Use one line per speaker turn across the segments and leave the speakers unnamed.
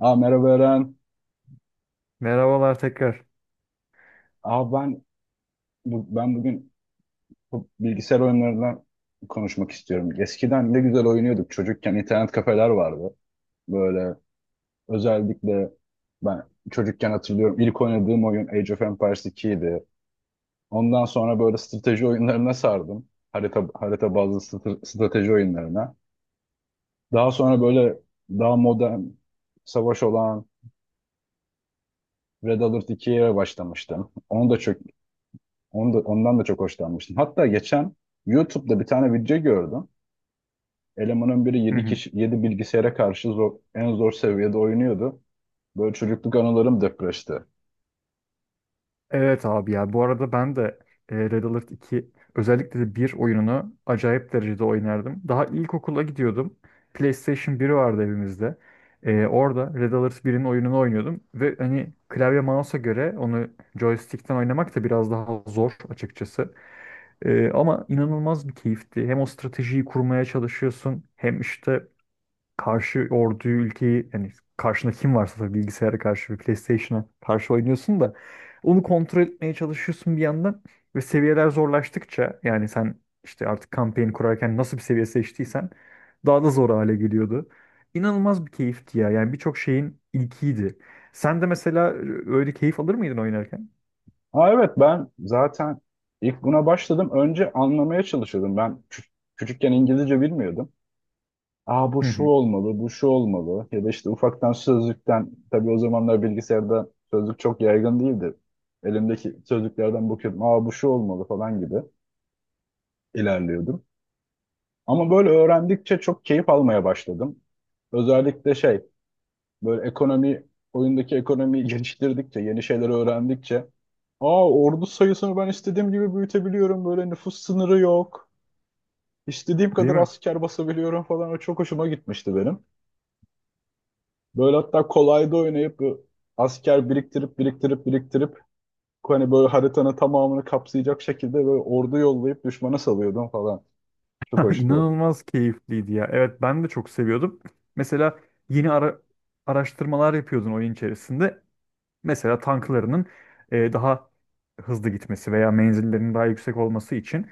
Merhaba Eren.
Merhabalar tekrar.
Aa, ben, ben bugün bu bilgisayar oyunlarından konuşmak istiyorum. Eskiden ne güzel oynuyorduk. Çocukken internet kafeler vardı. Böyle özellikle ben çocukken hatırlıyorum, ilk oynadığım oyun Age of Empires 2 idi. Ondan sonra böyle strateji oyunlarına sardım. Harita bazlı strateji oyunlarına. Daha sonra böyle daha modern savaş olan Red Alert 2'ye başlamıştım. Onu da çok Onu da, ondan da çok hoşlanmıştım. Hatta geçen YouTube'da bir tane video gördüm. Elemanın biri
Hı
7
hı.
kişi 7 bilgisayara karşı zor, en zor seviyede oynuyordu. Böyle çocukluk anılarım depreşti.
Evet abi ya bu arada ben de Red Alert 2 özellikle de bir oyununu acayip derecede oynardım. Daha ilkokula gidiyordum. PlayStation 1 vardı evimizde. Orada Red Alert 1'in oyununu oynuyordum ve hani klavye mouse'a göre onu joystick'ten oynamak da biraz daha zor açıkçası. Ama inanılmaz bir keyifti. Hem o stratejiyi kurmaya çalışıyorsun hem işte karşı orduyu ülkeyi yani karşında kim varsa tabii bilgisayara karşı ve PlayStation'a karşı oynuyorsun da onu kontrol etmeye çalışıyorsun bir yandan ve seviyeler zorlaştıkça yani sen işte artık kampanya kurarken nasıl bir seviye seçtiysen daha da zor hale geliyordu. İnanılmaz bir keyifti ya. Yani birçok şeyin ilkiydi. Sen de mesela öyle keyif alır mıydın oynarken?
Ha evet, ben zaten ilk buna başladım. Önce anlamaya çalışıyordum. Küçükken İngilizce bilmiyordum. Aa, bu
Hı
şu
hı.
olmalı, bu şu olmalı. Ya da işte ufaktan sözlükten, tabii o zamanlar bilgisayarda sözlük çok yaygın değildi. Elimdeki sözlüklerden bakıyordum. Aa, bu şu olmalı falan gibi ilerliyordum. Ama böyle öğrendikçe çok keyif almaya başladım. Özellikle böyle ekonomi, oyundaki ekonomiyi geliştirdikçe, yeni şeyler öğrendikçe, aa, ordu sayısını ben istediğim gibi büyütebiliyorum, böyle nüfus sınırı yok, istediğim
Değil
kadar
mi?
asker basabiliyorum falan, o çok hoşuma gitmişti benim. Böyle hatta kolayda oynayıp bu asker biriktirip hani böyle haritanın tamamını kapsayacak şekilde böyle ordu yollayıp düşmana salıyordum falan. Çok hoştu o.
İnanılmaz keyifliydi ya. Evet, ben de çok seviyordum. Mesela yeni araştırmalar yapıyordun oyun içerisinde. Mesela tanklarının daha hızlı gitmesi veya menzillerinin daha yüksek olması için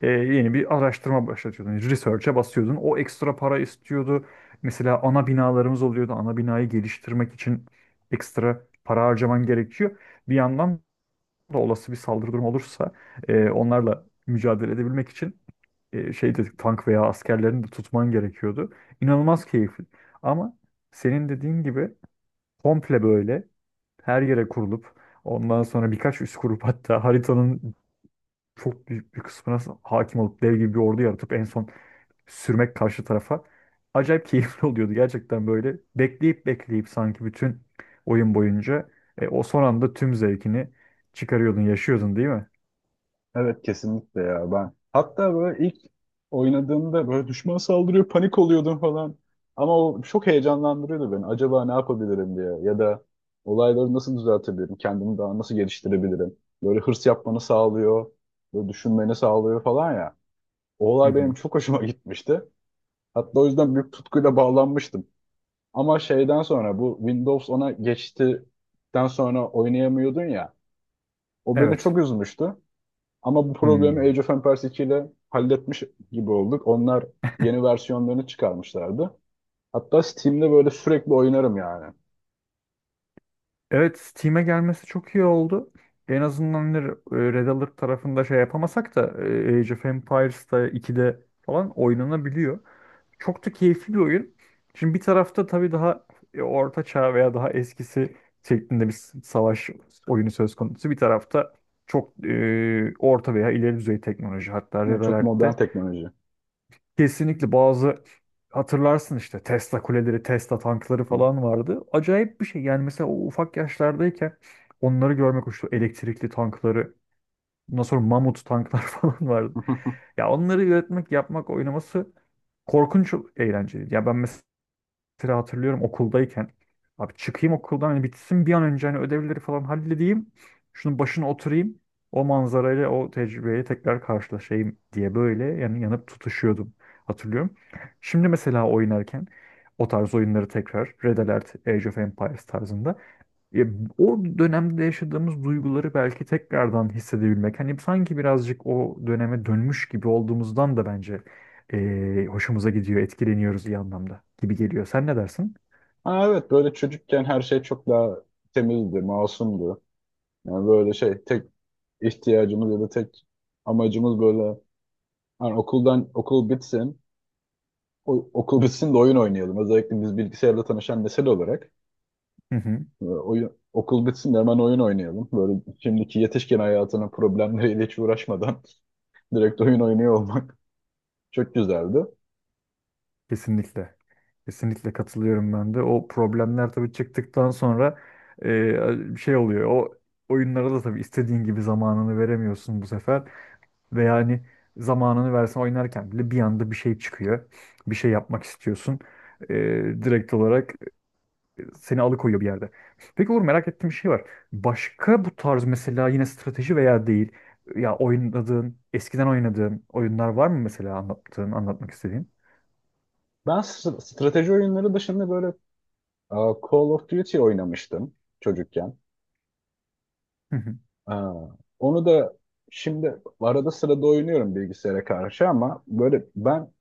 yeni bir araştırma başlatıyordun, yani Research'e basıyordun. O ekstra para istiyordu. Mesela ana binalarımız oluyordu. Ana binayı geliştirmek için ekstra para harcaman gerekiyor. Bir yandan da olası bir saldırı durumu olursa onlarla mücadele edebilmek için şey dedik, tank veya askerlerini de tutman gerekiyordu. İnanılmaz keyifli. Ama senin dediğin gibi komple böyle her yere kurulup ondan sonra birkaç üs kurup hatta haritanın çok büyük bir kısmına hakim olup dev gibi bir ordu yaratıp en son sürmek karşı tarafa acayip keyifli oluyordu gerçekten, böyle bekleyip bekleyip sanki bütün oyun boyunca o son anda tüm zevkini çıkarıyordun, yaşıyordun, değil mi?
Evet, kesinlikle ya. Ben hatta böyle ilk oynadığımda böyle düşman saldırıyor, panik oluyordum falan. Ama o çok heyecanlandırıyordu beni. Acaba ne yapabilirim diye, ya da olayları nasıl düzeltebilirim, kendimi daha nasıl geliştirebilirim. Böyle hırs yapmanı sağlıyor, böyle düşünmeni sağlıyor falan ya. O
Hı
olay benim
hı.
çok hoşuma gitmişti. Hatta o yüzden büyük tutkuyla bağlanmıştım. Ama şeyden sonra bu Windows 10'a geçtikten sonra oynayamıyordun ya. O beni
Evet.
çok üzmüştü. Ama bu problemi
Hmm.
Age of Empires 2 ile halletmiş gibi olduk. Onlar yeni versiyonlarını çıkarmışlardı. Hatta Steam'de böyle sürekli oynarım yani.
Evet, Steam'e gelmesi çok iyi oldu. En azından hani Red Alert tarafında şey yapamasak da Age of Empires'ta 2'de falan oynanabiliyor. Çok da keyifli bir oyun. Şimdi bir tarafta tabii daha orta çağ veya daha eskisi şeklinde bir savaş oyunu söz konusu. Bir tarafta çok orta veya ileri düzey teknoloji. Hatta
Ne
Red
çok modern
Alert'te
teknoloji.
kesinlikle bazı hatırlarsın işte Tesla kuleleri, Tesla tankları falan vardı. Acayip bir şey. Yani mesela o ufak yaşlardayken onları görmek hoştu. Elektrikli tankları, ondan sonra mamut tanklar falan vardı. Ya onları üretmek, yapmak, oynaması korkunç eğlenceliydi. Ya ben mesela hatırlıyorum okuldayken. Abi çıkayım okuldan, hani bitsin bir an önce, hani ödevleri falan halledeyim. Şunun başına oturayım. O manzarayla, o tecrübeyle tekrar karşılaşayım diye, böyle yani yanıp tutuşuyordum. Hatırlıyorum. Şimdi mesela oynarken o tarz oyunları tekrar, Red Alert, Age of Empires tarzında ya, o dönemde yaşadığımız duyguları belki tekrardan hissedebilmek. Hani sanki birazcık o döneme dönmüş gibi olduğumuzdan da bence hoşumuza gidiyor, etkileniyoruz, iyi anlamda gibi geliyor. Sen ne dersin?
Ha evet, böyle çocukken her şey çok daha temizdi, masumdu. Yani böyle tek ihtiyacımız ya da tek amacımız böyle hani okul bitsin. Okul bitsin de oyun oynayalım. Özellikle biz bilgisayarla tanışan nesil olarak.
Hı hı,
Oyun, okul bitsin de hemen oyun oynayalım. Böyle şimdiki yetişkin hayatının problemleriyle hiç uğraşmadan direkt oyun oynuyor olmak çok güzeldi.
kesinlikle. Kesinlikle katılıyorum ben de. O problemler tabii çıktıktan sonra şey oluyor. O oyunlara da tabii istediğin gibi zamanını veremiyorsun bu sefer. Ve yani zamanını versen oynarken bile bir anda bir şey çıkıyor. Bir şey yapmak istiyorsun. Ee, Direkt olarak seni alıkoyuyor bir yerde. Peki Uğur, merak ettiğim bir şey var. Başka bu tarz mesela yine strateji veya değil ya oynadığın, eskiden oynadığın oyunlar var mı mesela, anlattığın, anlatmak istediğin?
Strateji oyunları dışında böyle Call of Duty oynamıştım çocukken.
Hı hı.
Aa, onu da şimdi arada sırada oynuyorum bilgisayara karşı, ama böyle ben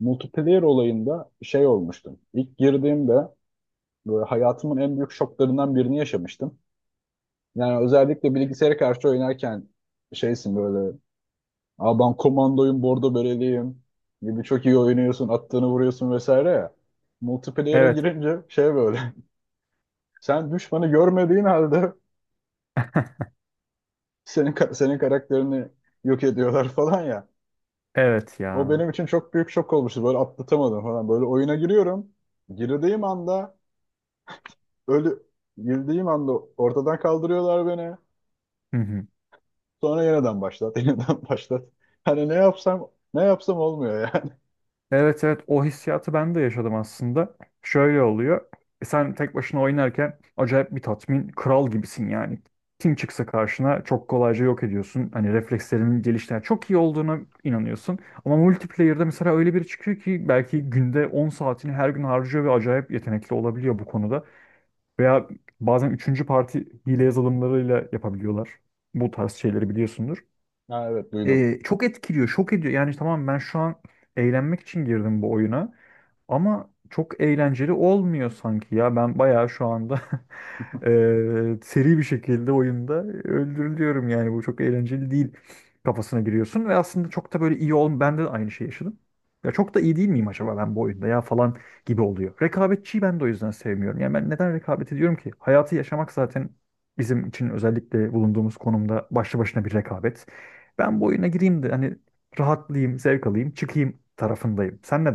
multiplayer olayında şey olmuştum. İlk girdiğimde böyle hayatımın en büyük şoklarından birini yaşamıştım. Yani özellikle bilgisayara karşı oynarken şeysin böyle. Aa, ben komandoyum, bordo böreliyim gibi çok iyi oynuyorsun, attığını vuruyorsun vesaire ya. Multiplayer'a
Evet,
girince şey böyle. Sen düşmanı görmediğin halde senin karakterini yok ediyorlar falan ya.
evet
O
ya.
benim için çok büyük şok olmuştu. Böyle atlatamadım falan. Böyle oyuna giriyorum. Girdiğim anda ölü, girdiğim anda ortadan kaldırıyorlar beni.
Hı hı.
Sonra yeniden başlat, yeniden başlat. Hani ne yapsam olmuyor yani.
Evet, evet, o hissiyatı ben de yaşadım aslında. Şöyle oluyor. Sen tek başına oynarken acayip bir tatmin, kral gibisin yani. Kim çıksa karşına çok kolayca yok ediyorsun. Hani reflekslerinin geliştiğine, çok iyi olduğuna inanıyorsun. Ama multiplayer'da mesela öyle biri çıkıyor ki belki günde 10 saatini her gün harcıyor ve acayip yetenekli olabiliyor bu konuda. Veya bazen üçüncü parti hile yazılımlarıyla yapabiliyorlar. Bu tarz şeyleri biliyorsundur,
Ha, evet duydum.
çok etkiliyor, şok ediyor. Yani tamam, ben şu an eğlenmek için girdim bu oyuna ama çok eğlenceli olmuyor sanki ya. Ben bayağı şu anda seri bir şekilde oyunda öldürülüyorum, yani bu çok eğlenceli değil kafasına giriyorsun ve aslında çok da böyle iyi ol, ben de aynı şeyi yaşadım. Ya çok da iyi değil miyim acaba ben bu oyunda ya falan gibi oluyor. Rekabetçiyi ben de o yüzden sevmiyorum. Yani ben neden rekabet ediyorum ki? Hayatı yaşamak zaten bizim için, özellikle bulunduğumuz konumda, başlı başına bir rekabet. Ben bu oyuna gireyim de hani rahatlayayım, zevk alayım, çıkayım tarafındayım. Sen ne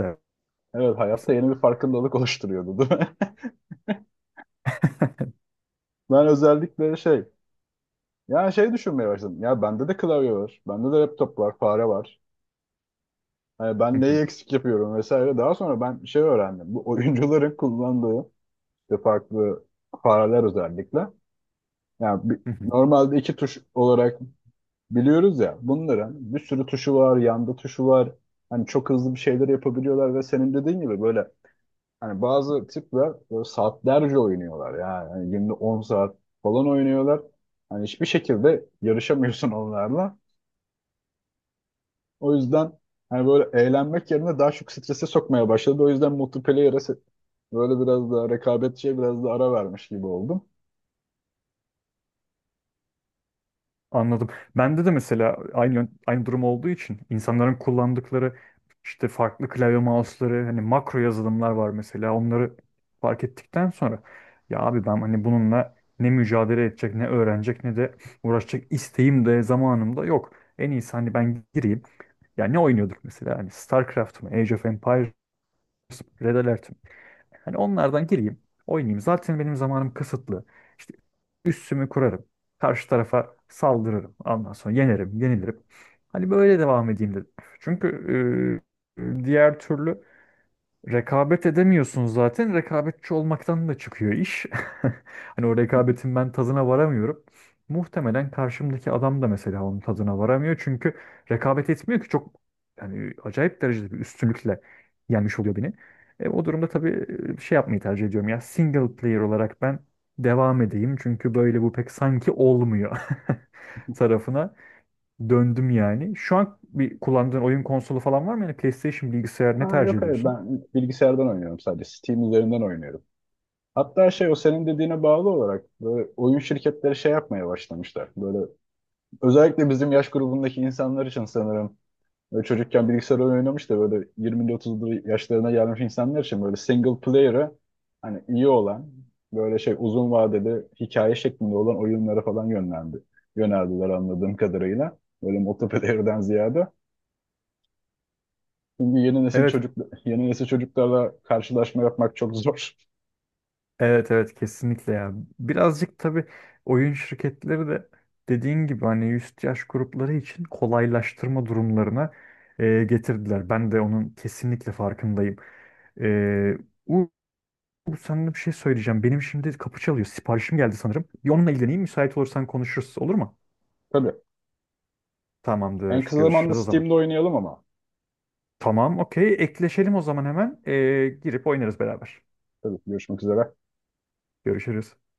Evet, hayatta
dersin?
yeni bir farkındalık oluşturuyordu değil mi? Ben özellikle düşünmeye başladım. Ya bende de klavye var, bende de laptop var, fare var. Hani ben
Hı hı,
neyi eksik yapıyorum vesaire. Daha sonra ben şey öğrendim. Bu oyuncuların kullandığı işte farklı fareler özellikle. Yani
hı hı.
normalde iki tuş olarak biliyoruz ya. Bunların bir sürü tuşu var, yanda tuşu var. Hani çok hızlı bir şeyler yapabiliyorlar ve senin dediğin gibi böyle hani bazı tipler böyle saatlerce oynuyorlar yani. Hani günde 10 saat falan oynuyorlar. Hani hiçbir şekilde yarışamıyorsun onlarla. O yüzden hani böyle eğlenmek yerine daha çok strese sokmaya başladı. O yüzden böyle biraz daha rekabetçiye biraz da ara vermiş gibi oldum.
Anladım. Bende de mesela aynı aynı durum olduğu için insanların kullandıkları işte farklı klavye mouse'ları, hani makro yazılımlar var mesela. Onları fark ettikten sonra ya abi ben hani bununla ne mücadele edecek, ne öğrenecek, ne de uğraşacak isteğim de zamanım da yok. En iyisi hani ben gireyim. Ya ne oynuyorduk mesela? Hani StarCraft mı, Age of Empires mı, Red Alert mi? Hani onlardan gireyim, oynayayım. Zaten benim zamanım kısıtlı. İşte üssümü kurarım. Karşı tarafa saldırırım. Ondan sonra yenerim, yenilirim. Hani böyle devam edeyim dedim. Çünkü diğer türlü rekabet edemiyorsun zaten. Rekabetçi olmaktan da çıkıyor iş. Hani o rekabetin ben tadına varamıyorum. Muhtemelen karşımdaki adam da mesela onun tadına varamıyor. Çünkü rekabet etmiyor ki çok, yani acayip derecede bir üstünlükle yenmiş oluyor beni. O durumda tabii şey yapmayı tercih ediyorum ya, single player olarak ben devam edeyim. Çünkü böyle bu pek sanki olmuyor tarafına döndüm yani. Şu an bir kullandığın oyun konsolu falan var mı? Yani PlayStation, bilgisayar, ne
Aa,
tercih
yok hayır,
ediyorsun?
ben bilgisayardan oynuyorum sadece. Steam üzerinden oynuyorum. Hatta şey, o senin dediğine bağlı olarak böyle oyun şirketleri şey yapmaya başlamışlar. Böyle özellikle bizim yaş grubundaki insanlar için sanırım böyle çocukken bilgisayar oyunu oynamış da böyle 20'li 30'lu yaşlarına gelmiş insanlar için böyle single player'ı hani iyi olan böyle şey uzun vadeli hikaye şeklinde olan oyunlara falan yönlendi. Yöneldiler anladığım kadarıyla. Böyle multiplayer'den ziyade. Şimdi yeni nesil
Evet.
çocuk yeni nesil çocuklarla karşılaşma yapmak çok zor.
Evet, evet, kesinlikle ya. Birazcık tabii oyun şirketleri de dediğin gibi hani üst yaş grupları için kolaylaştırma durumlarına getirdiler. Ben de onun kesinlikle farkındayım. E, U, Sana bir şey söyleyeceğim. Benim şimdi kapı çalıyor. Siparişim geldi sanırım. Bir onunla ilgileneyim. Müsait olursan konuşuruz, olur mu?
Tabii. En
Tamamdır.
kısa zamanda
Görüşürüz o zaman.
Steam'de oynayalım ama.
Tamam, okey. Ekleşelim o zaman hemen. Girip oynarız beraber.
Tabii, görüşmek üzere.
Görüşürüz.